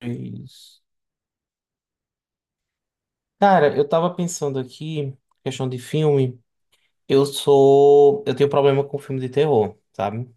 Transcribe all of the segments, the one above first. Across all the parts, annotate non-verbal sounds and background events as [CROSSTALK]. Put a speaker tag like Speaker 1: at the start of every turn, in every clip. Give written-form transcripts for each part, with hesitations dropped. Speaker 1: Isso. Cara, eu tava pensando aqui, questão de filme, eu tenho problema com filme de terror, sabe?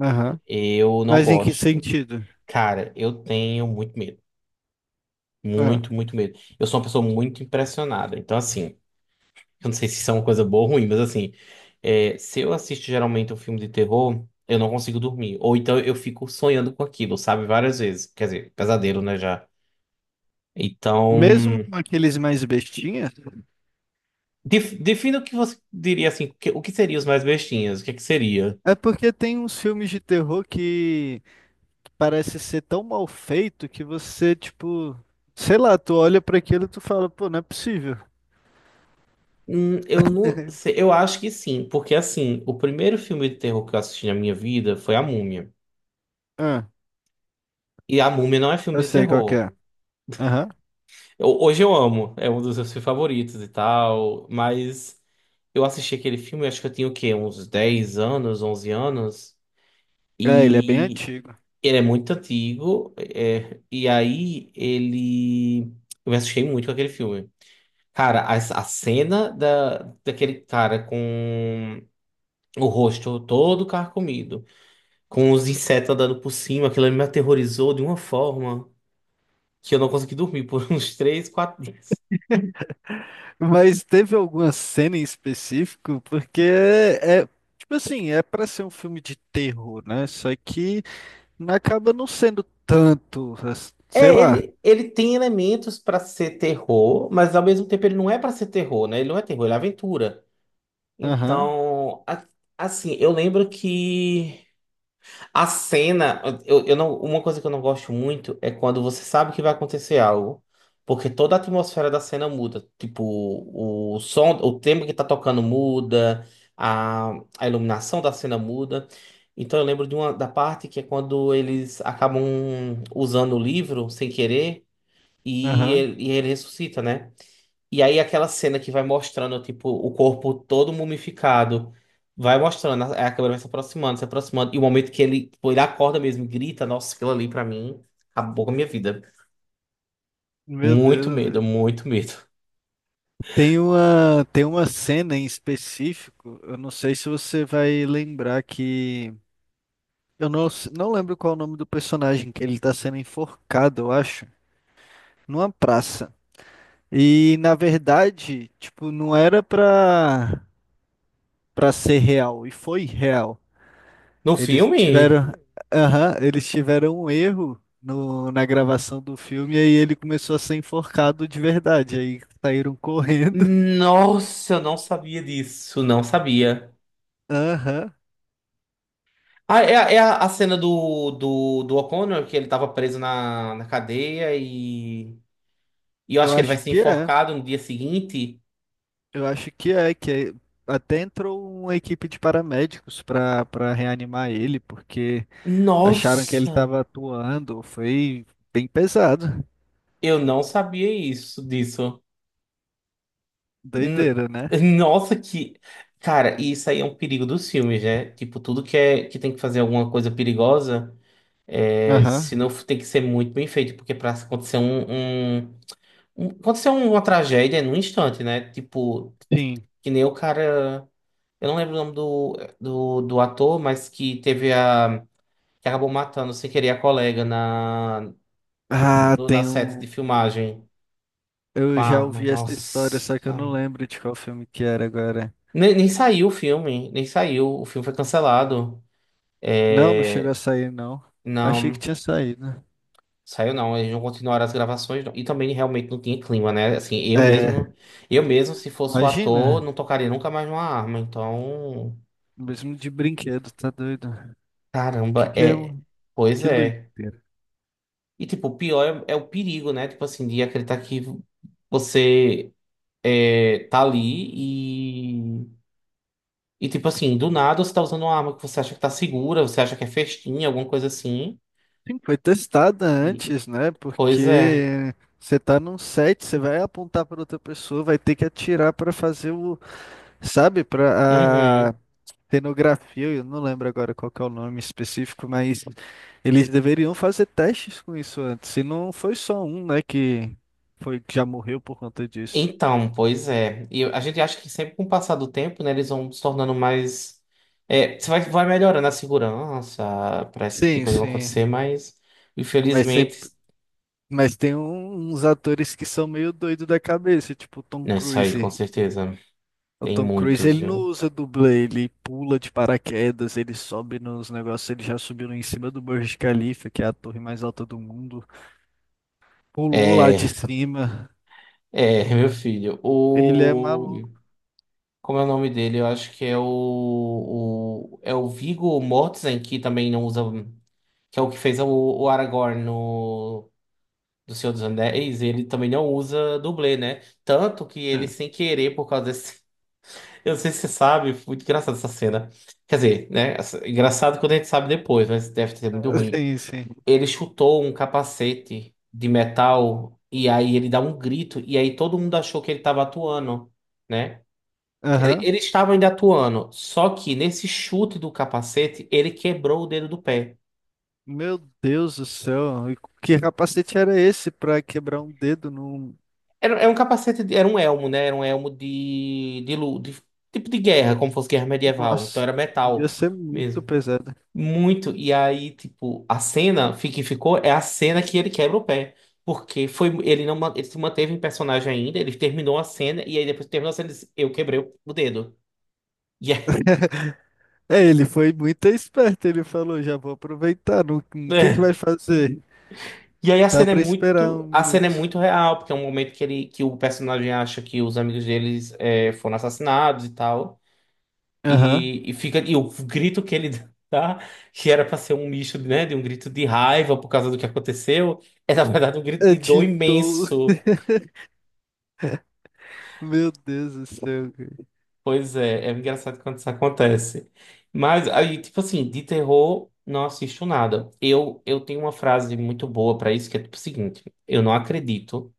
Speaker 2: Aham.
Speaker 1: Eu não
Speaker 2: Mas em que
Speaker 1: gosto.
Speaker 2: sentido?
Speaker 1: Cara, eu tenho muito medo,
Speaker 2: Ah,
Speaker 1: muito, muito medo. Eu sou uma pessoa muito impressionada, então assim, eu não sei se isso é uma coisa boa ou ruim, mas assim, é, se eu assisto geralmente um filme de terror, eu não consigo dormir, ou então eu fico sonhando com aquilo, sabe? Várias vezes, quer dizer, pesadelo, né, já. Então,
Speaker 2: mesmo aqueles mais bestinhas?
Speaker 1: Defina o que você diria assim, o que seria os mais bestinhas? O que é que seria?
Speaker 2: É porque tem uns filmes de terror que parece ser tão mal feito que você, tipo, sei lá, tu olha pra aquilo e tu fala, pô, não é possível.
Speaker 1: Eu não sei, eu acho que sim, porque assim, o primeiro filme de terror que eu assisti na minha vida foi A Múmia.
Speaker 2: Ah,
Speaker 1: E A Múmia não é filme
Speaker 2: eu
Speaker 1: de
Speaker 2: sei qual que
Speaker 1: terror.
Speaker 2: é. Aham.
Speaker 1: Hoje eu amo, é um dos meus filmes favoritos e tal, mas eu assisti aquele filme, acho que eu tinha o quê? Uns 10 anos, 11 anos,
Speaker 2: É, ele é bem
Speaker 1: e
Speaker 2: antigo.
Speaker 1: ele é muito antigo, é, e aí ele. Eu me assustei muito com aquele filme. Cara, a cena da, daquele cara com o rosto todo carcomido, com os insetos andando por cima, aquilo ali me aterrorizou de uma forma que eu não consegui dormir por [LAUGHS] uns 3, 4 dias.
Speaker 2: Mas teve alguma cena em específico? Porque tipo assim, é pra ser um filme de terror, né? Só que acaba não sendo tanto, sei
Speaker 1: É,
Speaker 2: lá.
Speaker 1: ele tem elementos pra ser terror, mas ao mesmo tempo ele não é pra ser terror, né? Ele não é terror, ele é aventura.
Speaker 2: Aham.
Speaker 1: Então, assim, eu lembro que. A cena, eu não, uma coisa que eu não gosto muito é quando você sabe que vai acontecer algo, porque toda a atmosfera da cena muda. Tipo, o som, o tema que tá tocando muda, a, a iluminação da cena muda. Então eu lembro de uma da parte que é quando eles acabam usando o livro sem querer
Speaker 2: Aham.
Speaker 1: e ele ressuscita, né? E aí aquela cena que vai mostrando, tipo, o corpo todo mumificado. Vai mostrando, a câmera vai se aproximando, se aproximando. E o momento que ele, tipo, ele acorda mesmo, e grita, nossa, aquilo ali pra mim acabou com a minha vida.
Speaker 2: Meu
Speaker 1: Muito
Speaker 2: Deus.
Speaker 1: medo, muito medo.
Speaker 2: Tem uma, cena em específico, eu não sei se você vai lembrar que. Eu não, s- não lembro qual é o nome do personagem, que ele tá sendo enforcado, eu acho, numa praça. E, na verdade, tipo, não era pra, pra ser real, e foi real.
Speaker 1: No
Speaker 2: Eles
Speaker 1: filme?
Speaker 2: tiveram. Aham, eles tiveram um erro no, na gravação do filme, e aí ele começou a ser enforcado de verdade. Aí saíram correndo.
Speaker 1: Nossa, eu não sabia disso, não sabia.
Speaker 2: [LAUGHS] Aham.
Speaker 1: Ah, é, a cena do O'Connor, que ele tava preso na cadeia e eu
Speaker 2: Eu
Speaker 1: acho que ele vai
Speaker 2: acho
Speaker 1: ser
Speaker 2: que é.
Speaker 1: enforcado no dia seguinte.
Speaker 2: Eu acho que é, até entrou uma equipe de paramédicos para reanimar ele, porque acharam que ele
Speaker 1: Nossa!
Speaker 2: estava atuando. Foi bem pesado.
Speaker 1: Eu não sabia isso, disso. N-
Speaker 2: Doideira, né?
Speaker 1: Nossa, que. Cara, e isso aí é um perigo dos filmes, né? Tipo, tudo que, é, que tem que fazer alguma coisa perigosa, é,
Speaker 2: Aham,
Speaker 1: se não tem que ser muito bem feito, porque pra acontecer acontecer uma tragédia é num instante, né? Tipo,
Speaker 2: sim.
Speaker 1: que nem o cara. Eu não lembro o nome do ator, mas que teve a. Que acabou matando sem querer a colega na,
Speaker 2: Ah,
Speaker 1: na
Speaker 2: tem
Speaker 1: set
Speaker 2: um.
Speaker 1: de filmagem com
Speaker 2: Eu
Speaker 1: a
Speaker 2: já
Speaker 1: arma.
Speaker 2: ouvi essa
Speaker 1: Nossa.
Speaker 2: história, só que eu não lembro de qual filme que era agora.
Speaker 1: Nem, nem saiu o filme, nem saiu. O filme foi cancelado.
Speaker 2: Não, não chegou a
Speaker 1: É,
Speaker 2: sair, não. Achei que
Speaker 1: não,
Speaker 2: tinha saído.
Speaker 1: saiu não. Eles não continuaram as gravações. Não. E também realmente não tinha clima, né? Assim,
Speaker 2: É,
Speaker 1: eu mesmo, se fosse o ator,
Speaker 2: imagina,
Speaker 1: não tocaria nunca mais numa arma. Então,
Speaker 2: mesmo de brinquedo, tá doido?
Speaker 1: caramba,
Speaker 2: Que é
Speaker 1: é.
Speaker 2: um.
Speaker 1: Pois
Speaker 2: Que doido.
Speaker 1: é. E tipo, o pior é o perigo, né? Tipo assim, de acreditar que você é, tá ali e. E tipo assim, do nada você tá usando uma arma que você acha que tá segura, você acha que é festinha, alguma coisa assim.
Speaker 2: Sim, foi testada antes, né?
Speaker 1: Pois é.
Speaker 2: Porque você tá num set, você vai apontar para outra pessoa, vai ter que atirar para fazer o, sabe, para
Speaker 1: Uhum.
Speaker 2: a cenografia, eu não lembro agora qual que é o nome específico, mas eles deveriam fazer testes com isso antes. E não foi só um, né, que foi que já morreu por conta disso.
Speaker 1: Então, pois é. A gente acha que sempre com o passar do tempo, né, eles vão se tornando mais. É, vai melhorando a segurança para esse tipo de
Speaker 2: Sim,
Speaker 1: coisa não acontecer,
Speaker 2: sim.
Speaker 1: mas
Speaker 2: Mas
Speaker 1: infelizmente.
Speaker 2: sempre, mas uns atores que são meio doido da cabeça, tipo Tom
Speaker 1: Não, isso aí, com
Speaker 2: Cruise.
Speaker 1: certeza.
Speaker 2: O
Speaker 1: Tem
Speaker 2: Tom Cruise,
Speaker 1: muitos,
Speaker 2: ele não
Speaker 1: viu?
Speaker 2: usa dublê, ele pula de paraquedas, ele sobe nos negócios, ele já subiu em cima do Burj Khalifa, que é a torre mais alta do mundo, pulou lá de
Speaker 1: É,
Speaker 2: cima,
Speaker 1: é, [LAUGHS] meu filho.
Speaker 2: ele é
Speaker 1: O.
Speaker 2: maluco.
Speaker 1: Como é o nome dele? Eu acho que é o. É o Viggo Mortensen, que também não usa. Que é o que fez o Aragorn do Senhor dos Anéis, ele também não usa dublê, né? Tanto que ele,
Speaker 2: Né?
Speaker 1: sem querer, por causa desse. [LAUGHS] Eu não sei se você sabe, foi muito engraçada essa cena. Quer dizer, né? Engraçado quando a gente sabe depois, mas deve ser muito
Speaker 2: [LAUGHS]
Speaker 1: ruim.
Speaker 2: Sim, sim.
Speaker 1: Ele chutou um capacete de metal e aí ele dá um grito, e aí todo mundo achou que ele estava atuando, né? Quer dizer,
Speaker 2: Aham.
Speaker 1: ele estava ainda atuando, só que nesse chute do capacete, ele quebrou o dedo do pé.
Speaker 2: Meu Deus do céu, e que capacete era esse pra quebrar um dedo num...
Speaker 1: Era um capacete, era um elmo, né? Era um elmo de tipo de guerra, como fosse guerra medieval. Então
Speaker 2: Nossa,
Speaker 1: era
Speaker 2: devia
Speaker 1: metal
Speaker 2: ser muito
Speaker 1: mesmo.
Speaker 2: pesado.
Speaker 1: Muito. E aí, tipo, que ficou é a cena que ele quebra o pé. Porque foi, ele não, ma- ele se manteve em personagem ainda, ele terminou a cena, e aí depois que terminou a cena, ele disse, eu quebrei o dedo. E é-
Speaker 2: [LAUGHS] É, ele foi muito esperto, ele falou, já vou aproveitar, o que que vai
Speaker 1: [LAUGHS]
Speaker 2: fazer?
Speaker 1: E aí
Speaker 2: Dá pra esperar um
Speaker 1: a cena é
Speaker 2: minuto.
Speaker 1: muito real, porque é um momento que ele, que o personagem acha que os amigos deles eh, foram assassinados e tal.
Speaker 2: Aham.
Speaker 1: E fica e o grito que ele [LAUGHS] dá, que era para ser um misto, né, de um grito de raiva por causa do que aconteceu, é na verdade um grito de dor
Speaker 2: Editou.
Speaker 1: imenso.
Speaker 2: [LAUGHS] Meu Deus do céu, cara.
Speaker 1: Pois é, é engraçado quando isso acontece. Mas aí, tipo assim, de terror não assisto nada. Eu tenho uma frase muito boa para isso que é tipo o seguinte: eu não acredito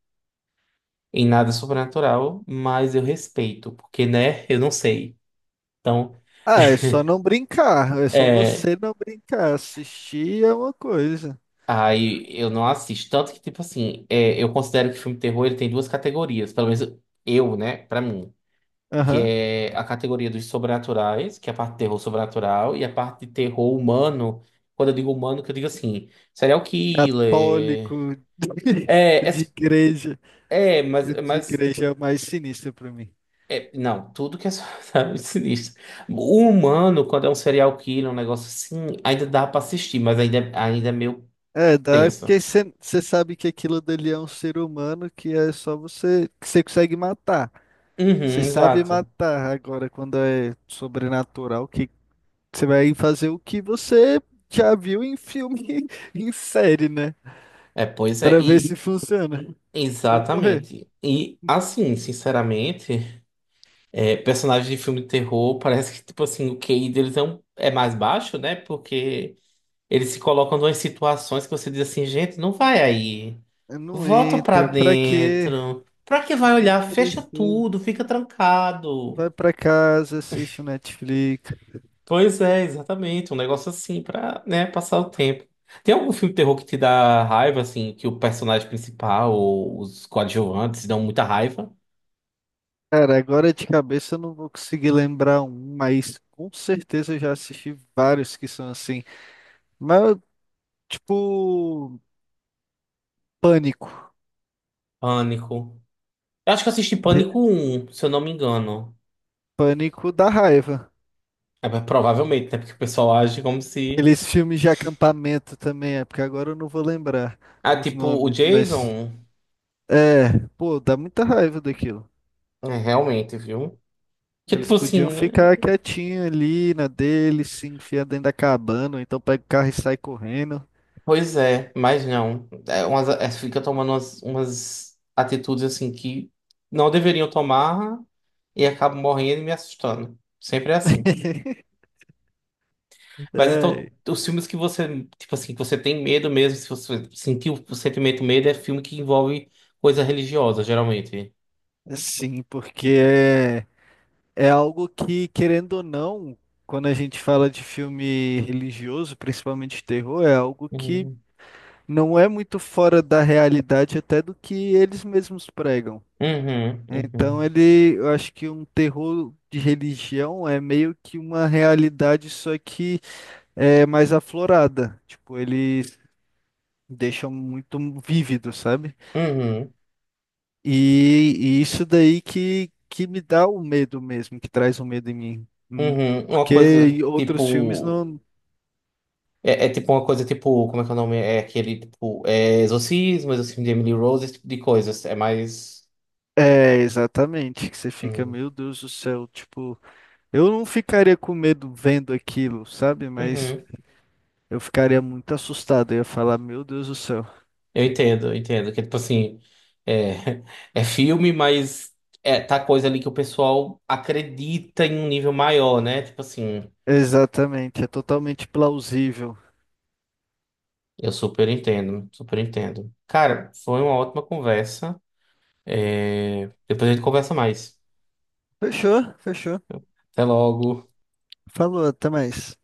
Speaker 1: em nada sobrenatural, mas eu respeito, porque né, eu não sei. Então,
Speaker 2: Ah, é só não brincar. É só
Speaker 1: é,
Speaker 2: você não brincar. Assistir é uma coisa.
Speaker 1: aí eu não assisto. Tanto que, tipo assim, é, eu considero que filme de terror ele tem duas categorias, pelo menos eu, né, pra mim. Que
Speaker 2: Aham.
Speaker 1: é a categoria dos sobrenaturais, que é a parte de terror sobrenatural, e a parte de terror humano. Quando eu digo humano, que eu digo assim, serial killer.
Speaker 2: Católico [LAUGHS]
Speaker 1: É, é,
Speaker 2: de igreja.
Speaker 1: é,
Speaker 2: De
Speaker 1: mas
Speaker 2: igreja é o mais sinistro pra mim.
Speaker 1: é, não, tudo que é [LAUGHS] sabe, sinistro. O humano, quando é um serial killer, um negócio assim, ainda dá pra assistir, mas ainda é meio
Speaker 2: É, dá
Speaker 1: tenso.
Speaker 2: porque você sabe que aquilo dali é um ser humano que é só você que você consegue matar. Você
Speaker 1: Uhum,
Speaker 2: sabe
Speaker 1: exato.
Speaker 2: matar agora quando é sobrenatural, que você vai fazer o que você já viu em filme, [LAUGHS] em série, né?
Speaker 1: É, pois é.
Speaker 2: Pra ver
Speaker 1: E,
Speaker 2: se funciona. Ou correr.
Speaker 1: exatamente. E assim, sinceramente, é, personagens de filme de terror parece que, tipo assim, o QI deles é, é mais baixo, né? Porque eles se colocam em situações que você diz assim, gente, não vai aí.
Speaker 2: Não
Speaker 1: Volta pra
Speaker 2: entra, pra quê?
Speaker 1: dentro. Pra que vai
Speaker 2: Não
Speaker 1: olhar? Fecha
Speaker 2: precisa.
Speaker 1: tudo, fica trancado.
Speaker 2: Vai pra casa, assiste o Netflix.
Speaker 1: Pois é, exatamente. Um negócio assim pra, né, passar o tempo. Tem algum filme de terror que te dá raiva, assim, que o personagem principal ou os coadjuvantes dão muita raiva?
Speaker 2: Cara, agora de cabeça eu não vou conseguir lembrar um, mas com certeza eu já assisti vários que são assim. Mas, tipo, Pânico.
Speaker 1: Pânico. Eu acho que eu assisti
Speaker 2: Re-
Speaker 1: Pânico um, se eu não me engano.
Speaker 2: Pânico da raiva.
Speaker 1: É, mas provavelmente, né? Porque o pessoal age como se.
Speaker 2: Aqueles filmes de acampamento também, é porque agora eu não vou lembrar
Speaker 1: Ah,
Speaker 2: os
Speaker 1: tipo, o
Speaker 2: nomes, mas.
Speaker 1: Jason.
Speaker 2: É, pô, dá muita raiva daquilo.
Speaker 1: É, realmente, viu? Que
Speaker 2: Eles
Speaker 1: tipo assim,
Speaker 2: podiam
Speaker 1: né?
Speaker 2: ficar quietinho ali na dele se enfiar dentro da cabana, ou então pega o carro e sai correndo.
Speaker 1: Pois é, mas não. É umas, é, fica tomando umas atitudes assim que não deveriam tomar e acabo morrendo e me assustando. Sempre é assim.
Speaker 2: [LAUGHS]
Speaker 1: Mas então,
Speaker 2: É,
Speaker 1: os filmes que você, tipo assim, que você tem medo mesmo, se você sentiu o sentimento medo, é filme que envolve coisa religiosa, geralmente.
Speaker 2: sim, porque é algo que, querendo ou não, quando a gente fala de filme religioso, principalmente de terror, é algo que
Speaker 1: Uhum,
Speaker 2: não é muito fora da realidade até do que eles mesmos pregam.
Speaker 1: uhum,
Speaker 2: Então
Speaker 1: uhum.
Speaker 2: ele, eu acho que um terror de religião é meio que uma realidade, só que é mais aflorada. Tipo, eles deixam muito vívido, sabe?
Speaker 1: Uhum,
Speaker 2: E isso daí que me dá o medo mesmo, que traz o medo em mim.
Speaker 1: uhum. Uma
Speaker 2: Porque
Speaker 1: coisa
Speaker 2: em outros filmes
Speaker 1: tipo.
Speaker 2: não.
Speaker 1: É, é tipo uma coisa tipo. Como é que é o nome? É aquele tipo. É exorcismo, exorcismo de Emily Rose, esse tipo de coisas. É mais.
Speaker 2: É, exatamente, que você fica,
Speaker 1: Uhum.
Speaker 2: meu Deus do céu, tipo, eu não ficaria com medo vendo aquilo, sabe? Mas
Speaker 1: Uhum.
Speaker 2: eu ficaria muito assustado, eu ia falar, meu Deus do céu.
Speaker 1: Eu entendo, eu entendo. Que tipo assim. É, [LAUGHS] é filme, mas é, tá coisa ali que o pessoal acredita em um nível maior, né? Tipo assim.
Speaker 2: Exatamente, é totalmente plausível.
Speaker 1: Eu super entendo, super entendo. Cara, foi uma ótima conversa. É, depois a gente conversa mais.
Speaker 2: Fechou, fechou.
Speaker 1: Até logo.
Speaker 2: Falou, até mais.